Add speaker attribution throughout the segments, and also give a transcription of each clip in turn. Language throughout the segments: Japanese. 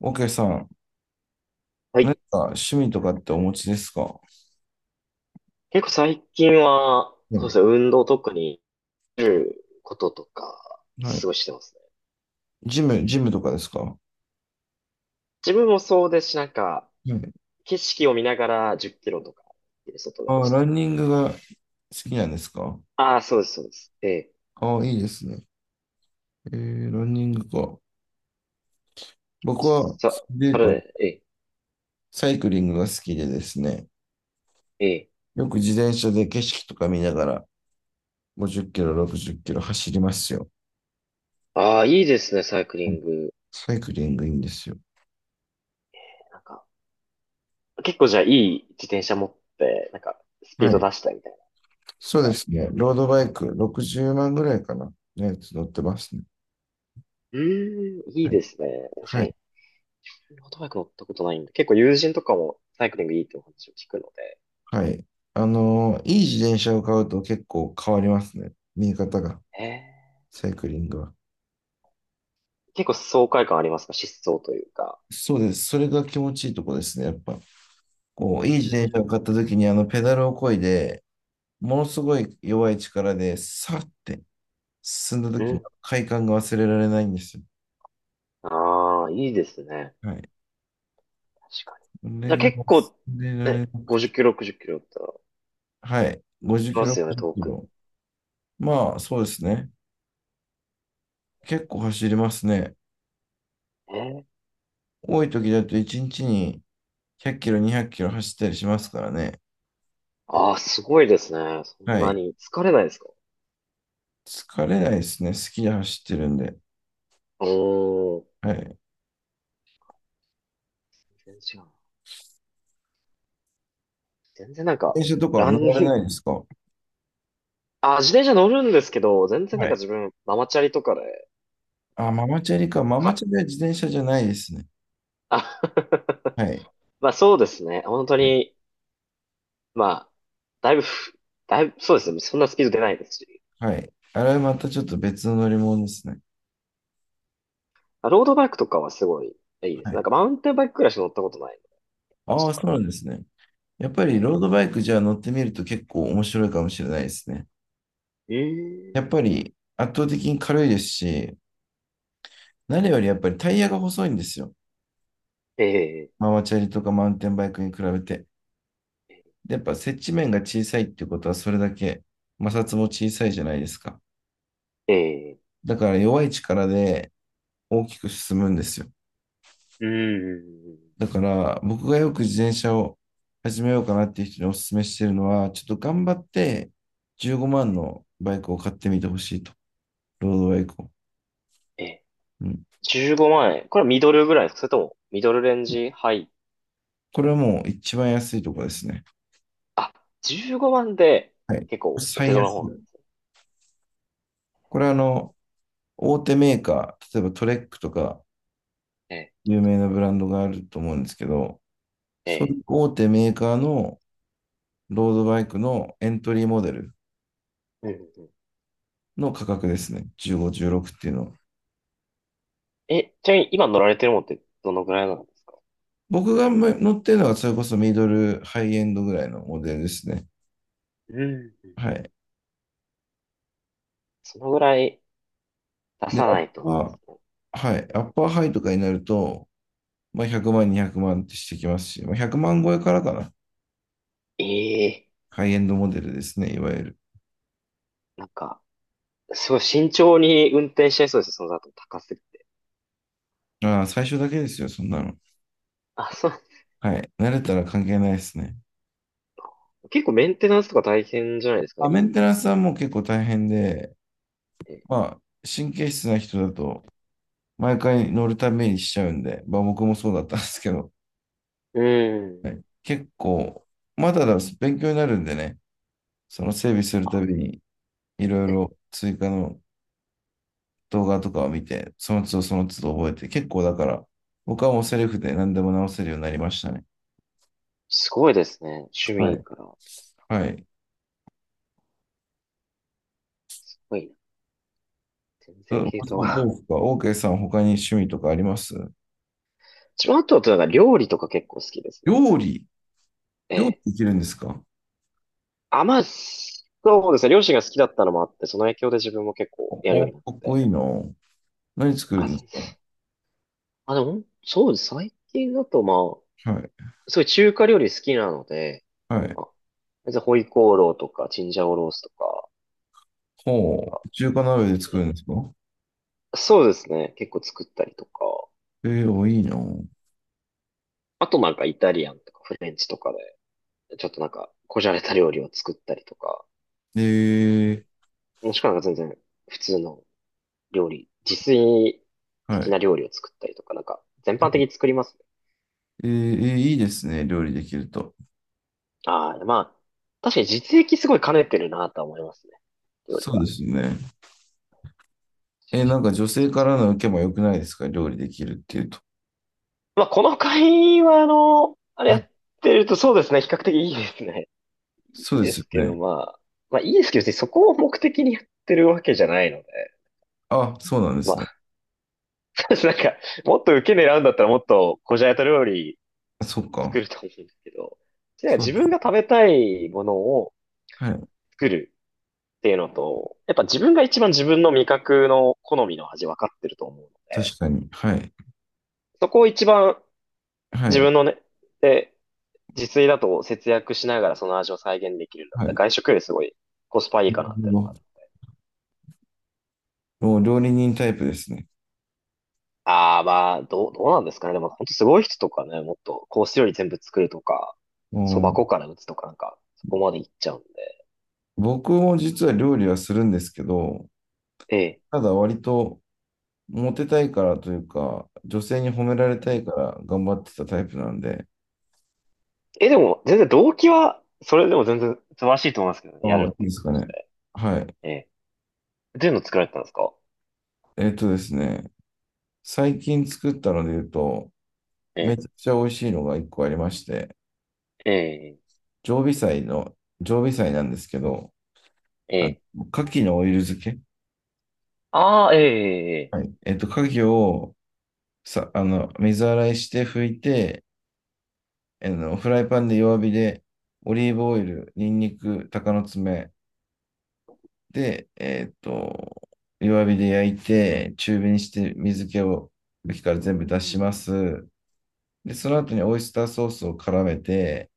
Speaker 1: OK さん、
Speaker 2: は
Speaker 1: 何
Speaker 2: い。
Speaker 1: か趣味とかってお持ちですか？は
Speaker 2: 結構最近は、そうで
Speaker 1: い。
Speaker 2: すね、運動とかに出ることとか、
Speaker 1: は
Speaker 2: す
Speaker 1: い。
Speaker 2: ごいしてますね。
Speaker 1: ジムとかですか？は
Speaker 2: 自分もそうですし、なんか、
Speaker 1: い。
Speaker 2: 景色を見ながら10キロとか、外で
Speaker 1: あ、
Speaker 2: 走っ
Speaker 1: ラ
Speaker 2: たり。
Speaker 1: ンニングが好きなんですか？
Speaker 2: ああ、そうです、そうです。ええ。
Speaker 1: あ、いいですね。ランニングか。僕は、そ
Speaker 2: さ、
Speaker 1: れ
Speaker 2: そ
Speaker 1: で
Speaker 2: れ
Speaker 1: 言うと、
Speaker 2: ね、ええ、
Speaker 1: サイクリングが好きでですね、
Speaker 2: ええ。
Speaker 1: よく自転車で景色とか見ながら、50キロ、60キロ走りますよ。
Speaker 2: ああ、いいですね、サイクリ
Speaker 1: うん。
Speaker 2: ング。
Speaker 1: サイクリングいいんですよ。
Speaker 2: なんか、結構じゃあいい自転車持って、なんか、スピ
Speaker 1: は
Speaker 2: ード
Speaker 1: い。
Speaker 2: 出したりみたい
Speaker 1: そう
Speaker 2: な
Speaker 1: で
Speaker 2: のが。
Speaker 1: すね。ロードバイク、60万ぐらいかな。のやつ乗ってますね。
Speaker 2: うーん、い
Speaker 1: は
Speaker 2: いで
Speaker 1: い。
Speaker 2: すね。確か
Speaker 1: は
Speaker 2: に、
Speaker 1: い、
Speaker 2: オートバイク乗ったことないんで、結構友人とかもサイクリングいいってお話を聞くので。
Speaker 1: はい。いい自転車を買うと結構変わりますね。見え方が、
Speaker 2: ええ。
Speaker 1: サイクリングは。
Speaker 2: 結構爽快感ありますか？疾走というか。
Speaker 1: そうです。それが気持ちいいとこですね。やっぱ、こう、
Speaker 2: う
Speaker 1: いい自転車を
Speaker 2: ん。
Speaker 1: 買った時に、ペダルを漕いで、ものすごい弱い力で、さーって進んだ
Speaker 2: う
Speaker 1: 時の
Speaker 2: ん。
Speaker 1: 快感が忘れられないんですよ。
Speaker 2: ああ、いいですね。
Speaker 1: はい。
Speaker 2: 確かに。
Speaker 1: こ
Speaker 2: じ
Speaker 1: れ
Speaker 2: ゃあ
Speaker 1: が
Speaker 2: 結
Speaker 1: 忘
Speaker 2: 構、
Speaker 1: れら
Speaker 2: ね、
Speaker 1: れなく
Speaker 2: 50
Speaker 1: て。
Speaker 2: キロ、60キロだったら、
Speaker 1: はい。50
Speaker 2: 行
Speaker 1: キ
Speaker 2: きま
Speaker 1: ロ、
Speaker 2: すよね、
Speaker 1: 50キ
Speaker 2: 遠くに。
Speaker 1: ロ。まあ、そうですね。結構走りますね。
Speaker 2: え
Speaker 1: 多い時だと1日に100キロ、200キロ走ったりしますからね。
Speaker 2: ああー、すごいですね。そん
Speaker 1: は
Speaker 2: な
Speaker 1: い。
Speaker 2: に疲れないですか？
Speaker 1: 疲れないですね。好きで走ってるんで。
Speaker 2: おー、
Speaker 1: はい。
Speaker 2: 全然違うな。全然なんか、
Speaker 1: 電車とかは
Speaker 2: ラン
Speaker 1: 乗ら
Speaker 2: ニ
Speaker 1: れ
Speaker 2: ン
Speaker 1: ない
Speaker 2: グ、
Speaker 1: ですか？
Speaker 2: あ、自転車乗るんですけど、全然
Speaker 1: は
Speaker 2: なんか
Speaker 1: い。
Speaker 2: 自分、ママチャリとかで、なん
Speaker 1: あ、
Speaker 2: か、
Speaker 1: ママチャリか。ママチ
Speaker 2: か、
Speaker 1: ャリは自転車じゃないですね。
Speaker 2: あ
Speaker 1: はい。
Speaker 2: まあそうですね。本当
Speaker 1: はい。
Speaker 2: に、まあ、だいぶふ、だいぶ、そうですね。そんなスピード出ないですし。
Speaker 1: はい。あれはまたちょっと別の乗り物ですね。
Speaker 2: ロードバイクとかはすごいいいで
Speaker 1: は
Speaker 2: す。なん
Speaker 1: い。
Speaker 2: かマウンテンバイクくらいしか乗ったことないの。ち
Speaker 1: あ
Speaker 2: と
Speaker 1: あ、
Speaker 2: か
Speaker 1: そ
Speaker 2: の
Speaker 1: うなんですね。やっぱり
Speaker 2: ね。
Speaker 1: ロードバイクじゃあ乗ってみると結構面白いかもしれないですね。
Speaker 2: え
Speaker 1: やっ
Speaker 2: え
Speaker 1: ぱり圧倒的に軽いですし、何よりやっぱりタイヤが細いんですよ。
Speaker 2: ええ
Speaker 1: ママチャリとかマウンテンバイクに比べて。でやっぱ接地面が小さいっていうことはそれだけ摩擦も小さいじゃないですか。
Speaker 2: ええ
Speaker 1: だから弱い力で大きく進むんですよ。
Speaker 2: うーん。
Speaker 1: だから僕がよく自転車を始めようかなっていう人にお勧めしてるのは、ちょっと頑張って15万のバイクを買ってみてほしいと。ロードバイクを。
Speaker 2: ええ、
Speaker 1: うん。
Speaker 2: 15万円。これはミドルぐらいですか？それともミドルレンジハイ？
Speaker 1: これはもう一番安いとこですね。
Speaker 2: あ、15万で
Speaker 1: はい。
Speaker 2: 結構お手
Speaker 1: 最安。
Speaker 2: 頃な方なんです
Speaker 1: これは大手メーカー、例えばトレックとか
Speaker 2: ね。
Speaker 1: 有名なブランドがあると思うんですけど、
Speaker 2: え
Speaker 1: そうい
Speaker 2: え。
Speaker 1: う大手メーカーのロードバイクのエントリーモデル
Speaker 2: うん。
Speaker 1: の価格ですね。15、16っていうのは。
Speaker 2: ちなみに今乗られてるものってどのぐらいなんですか？
Speaker 1: 僕が乗ってるのがそれこそミドル、ハイエンドぐらいのモデルですね。
Speaker 2: うん。
Speaker 1: はい。
Speaker 2: そのぐらい出
Speaker 1: で、
Speaker 2: さ
Speaker 1: ア
Speaker 2: な
Speaker 1: ッ
Speaker 2: いとなんで
Speaker 1: パ
Speaker 2: す
Speaker 1: ー、
Speaker 2: ね。
Speaker 1: はい。アッパーハイとかになると、まあ、100万、200万ってしてきますし、まあ、100万超えからかな。
Speaker 2: ええ。
Speaker 1: ハイエンドモデルですね、いわゆる。
Speaker 2: なんか、すごい慎重に運転しちゃいそうです、その後高すぎて。
Speaker 1: ああ、最初だけですよ、そんなの。
Speaker 2: あ、そう。
Speaker 1: はい。慣れたら関係ないですね。
Speaker 2: 結構メンテナンスとか大変じゃないですか、
Speaker 1: まあ、
Speaker 2: い
Speaker 1: メン
Speaker 2: いっ
Speaker 1: テナンスはもう結構大変で、
Speaker 2: て。
Speaker 1: まあ、神経質な人だと、毎回乗るためにしちゃうんで、まあ僕もそうだったんですけど、
Speaker 2: う
Speaker 1: は
Speaker 2: ん。
Speaker 1: い、結構、まだだ、勉強になるんでね、その整備するた
Speaker 2: あ、
Speaker 1: びに、いろい
Speaker 2: え、
Speaker 1: ろ追加の動画とかを見て、その都度その都度覚えて、結構だから、僕はもうセルフで何でも直せるようになりましたね。
Speaker 2: すごいですね。趣
Speaker 1: は
Speaker 2: 味
Speaker 1: い。
Speaker 2: から。
Speaker 1: はい。
Speaker 2: すごいな。全
Speaker 1: ど
Speaker 2: 然系統
Speaker 1: どう
Speaker 2: が。
Speaker 1: ですか OK さん、他に趣味とかあります？
Speaker 2: 自分あとはなんか料理とか結構好きです
Speaker 1: 料
Speaker 2: ね。
Speaker 1: 理。
Speaker 2: え
Speaker 1: 料理
Speaker 2: え。
Speaker 1: できるんですか？
Speaker 2: あ、まあ、そうですね。両親が好きだったのもあって、その影響で自分も結構
Speaker 1: お、
Speaker 2: やるよう
Speaker 1: お
Speaker 2: になっ
Speaker 1: かっこ
Speaker 2: て。
Speaker 1: いいな。何作る
Speaker 2: あ、
Speaker 1: んで
Speaker 2: 全
Speaker 1: す
Speaker 2: 然
Speaker 1: か？
Speaker 2: あ、でも、そうです。最近だとまあ、
Speaker 1: はい。
Speaker 2: すごい中華料理好きなので、
Speaker 1: はい。
Speaker 2: まあ、じゃあホイコーローとか、チンジャオロースとか、
Speaker 1: ほ
Speaker 2: な
Speaker 1: う。中華鍋で作
Speaker 2: ん
Speaker 1: るんですか？
Speaker 2: かそうですね。結構作ったりとか。
Speaker 1: あ、いいな。
Speaker 2: あとなんかイタリアンとかフレンチとかで、ちょっとなんか、こじゃれた料理を作ったりとか、
Speaker 1: えー、
Speaker 2: もしくはなんか全然普通の料理、自炊
Speaker 1: は
Speaker 2: 的
Speaker 1: い。
Speaker 2: な料理を作ったりとか、なんか、全般的に作りますね。
Speaker 1: えー、いいですね、料理できると。
Speaker 2: ああ、まあ、確かに実益すごい兼ねてるなとは思いますね。料理
Speaker 1: そうで
Speaker 2: は。
Speaker 1: すね。なんか女性からの受けも良くないですか、料理できるっていうと？
Speaker 2: まあ、この会話の、あれ
Speaker 1: は
Speaker 2: や
Speaker 1: い。
Speaker 2: ってるとそうですね、比較的いいですね。いい
Speaker 1: そうで
Speaker 2: で
Speaker 1: すよ
Speaker 2: すけど、
Speaker 1: ね。
Speaker 2: まあいいですけど、別にそこを目的にやってるわけじゃないので、
Speaker 1: あ、そうなんで
Speaker 2: ま
Speaker 1: すね。
Speaker 2: 私なんか、もっと受け狙うんだったらもっとこじゃれた料理
Speaker 1: あそっ
Speaker 2: 作
Speaker 1: か。
Speaker 2: ると思うんですけど、なんか
Speaker 1: そう
Speaker 2: 自
Speaker 1: です。
Speaker 2: 分が食べたいものを
Speaker 1: はい。
Speaker 2: 作るっていうのと、やっぱ自分が一番自分の味覚の好みの味分かってると思うので、
Speaker 1: 確かに。はい。
Speaker 2: そこを一番
Speaker 1: は
Speaker 2: 自
Speaker 1: い。
Speaker 2: 分のね、で、自炊だと節約しながらその味を再現できるんだっ
Speaker 1: はい。な
Speaker 2: たら
Speaker 1: る
Speaker 2: 外食よりすごいコスパいいかなっ
Speaker 1: ほ
Speaker 2: ていうのも
Speaker 1: ど。
Speaker 2: ある。
Speaker 1: もう料理人タイプですね。
Speaker 2: ああ、まあ、どうなんですかね。でも本当すごい人とかね、もっとコース料理全部作るとか、
Speaker 1: う
Speaker 2: そば
Speaker 1: ん。
Speaker 2: 粉から打つとかなんか、そこまでいっちゃうんで。
Speaker 1: 僕も実は料理はするんですけど、
Speaker 2: ええ。
Speaker 1: ただ割とモテたいからというか、女性に褒められ
Speaker 2: うん
Speaker 1: た
Speaker 2: う
Speaker 1: いか
Speaker 2: ん。
Speaker 1: ら頑張ってたタイプなんで、
Speaker 2: でも、全然動機は、それでも全然素晴らしいと思いますけどね。や
Speaker 1: あ
Speaker 2: る
Speaker 1: あ、
Speaker 2: っ
Speaker 1: いい
Speaker 2: てい
Speaker 1: で
Speaker 2: う
Speaker 1: すか
Speaker 2: ことし
Speaker 1: ね。
Speaker 2: て
Speaker 1: はい。
Speaker 2: ええ。どういうの作られてたんですか？
Speaker 1: えっとですね、最近作ったので言うと、
Speaker 2: え
Speaker 1: め
Speaker 2: え。
Speaker 1: ちゃくちゃ美味しいのが一個ありまして、
Speaker 2: ええ。
Speaker 1: 常備菜の、常備菜なんですけど、
Speaker 2: え
Speaker 1: あの、
Speaker 2: え。
Speaker 1: 牡蠣のオイル漬け。
Speaker 2: ああ、ええ、ええ。え
Speaker 1: は
Speaker 2: え。
Speaker 1: い。牡蠣をさ、あの、水洗いして拭いて、フライパンで弱火で、オリーブオイル、ニンニク、鷹の爪で、弱火で焼いて、中火にして水気を、茎から全部出します。で、その
Speaker 2: うん。
Speaker 1: 後にオイスターソースを絡めて、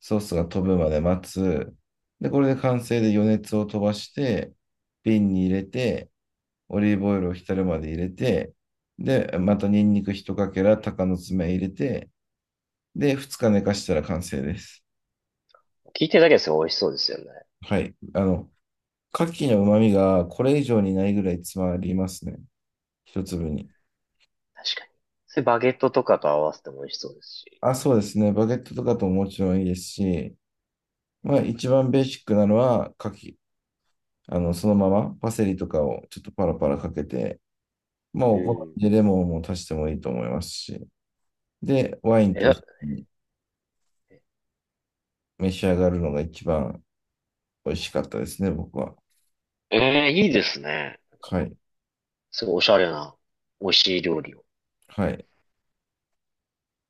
Speaker 1: ソースが飛ぶまで待つ。で、これで完成で余熱を飛ばして、瓶に入れて、オリーブオイルを浸るまで入れて、で、またニンニク一かけら、鷹の爪入れて、で、二日寝かしたら完成です。
Speaker 2: 聞いてるだけですよ。美味しそうですよね。
Speaker 1: はい。牡蠣の旨味がこれ以上にないぐらい詰まりますね。一粒に。
Speaker 2: 確かに。それバゲットとかと合わせても美味しそうですし。
Speaker 1: あ、そうですね。バゲットとかとももちろんいいですし、まあ一番ベーシックなのは牡蠣、そのままパセリとかをちょっとパラパラかけて、まあ、
Speaker 2: う
Speaker 1: お好
Speaker 2: ん。
Speaker 1: みでレモンも足してもいいと思いますし、で、ワインと
Speaker 2: え、
Speaker 1: 一緒に召し上がるのが一番美味しかったですね、僕は。
Speaker 2: ええ、いいですね。なんか、
Speaker 1: はい。
Speaker 2: すごいおしゃれな、美味しい料理を。
Speaker 1: はい。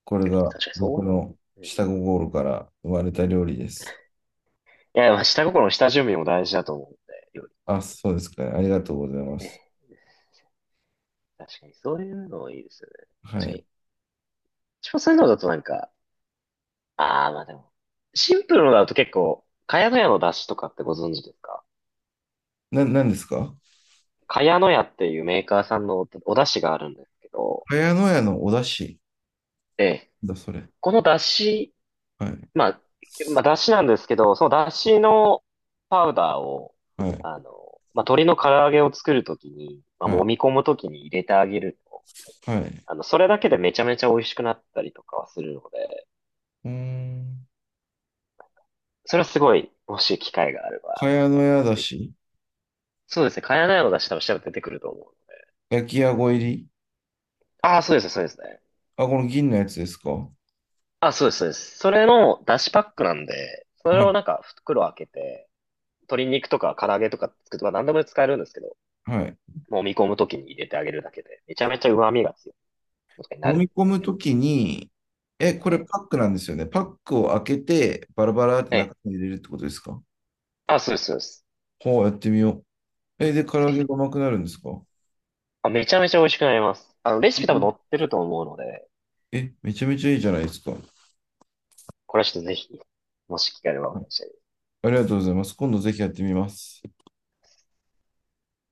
Speaker 1: これ
Speaker 2: 確
Speaker 1: が
Speaker 2: かにそ
Speaker 1: 僕
Speaker 2: うい
Speaker 1: の
Speaker 2: う。ね。
Speaker 1: 下心から生まれた料理です。
Speaker 2: いや、まあ、下心、下準備も大事だと思うんで、料理
Speaker 1: あ、そうですかね。ありがとうございま
Speaker 2: ってね。
Speaker 1: す。
Speaker 2: 確かにそういうのいいですよね。
Speaker 1: は
Speaker 2: 確か
Speaker 1: い。
Speaker 2: に。一応そういうのだとなんか、ああ、まあでも、シンプルのだと結構、ヤノヤの出汁とかってご存知ですか？
Speaker 1: 何ですか？
Speaker 2: ヤノヤっていうメーカーさんのお出汁があるんですけど、
Speaker 1: 茅野屋のお出汁、
Speaker 2: ええ、
Speaker 1: だ、それ。
Speaker 2: この出汁、
Speaker 1: はい。
Speaker 2: まあ、まあ、出汁なんですけど、その出汁のパウダーを、
Speaker 1: はい。
Speaker 2: あの、まあ、鶏の唐揚げを作るときに、まあ、
Speaker 1: は
Speaker 2: 揉
Speaker 1: い。
Speaker 2: み込むときに入れてあげると、
Speaker 1: はい。
Speaker 2: それだけでめちゃめちゃ美味しくなったりとかはするので、
Speaker 1: うーん。
Speaker 2: それはすごい、もし機会があれば、
Speaker 1: 茅野屋だ
Speaker 2: ぜひ。
Speaker 1: し、
Speaker 2: そうですね、茅乃舎の出汁多分調べて出てくると思う。
Speaker 1: 焼きあご入り。
Speaker 2: ああ、そうですね、そうですね。
Speaker 1: あ、この銀のやつですか？は
Speaker 2: あ、そうです、そうです。それの出汁パックなんで、それ
Speaker 1: い。
Speaker 2: をなんか袋開けて、鶏肉とか唐揚げとか作るとか何でも使えるんですけど、
Speaker 1: はい。
Speaker 2: もみ込むときに入れてあげるだけで、めちゃめちゃ旨味が強いとかにな
Speaker 1: 揉
Speaker 2: る
Speaker 1: み
Speaker 2: ん
Speaker 1: 込む
Speaker 2: で。
Speaker 1: ときに、え、こ
Speaker 2: え
Speaker 1: れパ
Speaker 2: え、
Speaker 1: ックなんですよね？パックを開けて、バラバラって
Speaker 2: ええ。
Speaker 1: 中に入れるってことですか？
Speaker 2: あ、そうです、そうです。
Speaker 1: ほう、やってみよう。え、で、唐揚
Speaker 2: ぜ
Speaker 1: げ
Speaker 2: ひ。
Speaker 1: が甘くなるんですか？
Speaker 2: あ、めちゃめちゃ美味しくなります。レシピ多分載ってると思うので、
Speaker 1: えめちゃめちゃいいじゃないですか。は
Speaker 2: これはちょっとぜひ、もし機会があればお願いします。
Speaker 1: い。ありがとうございます。今度ぜひやってみます。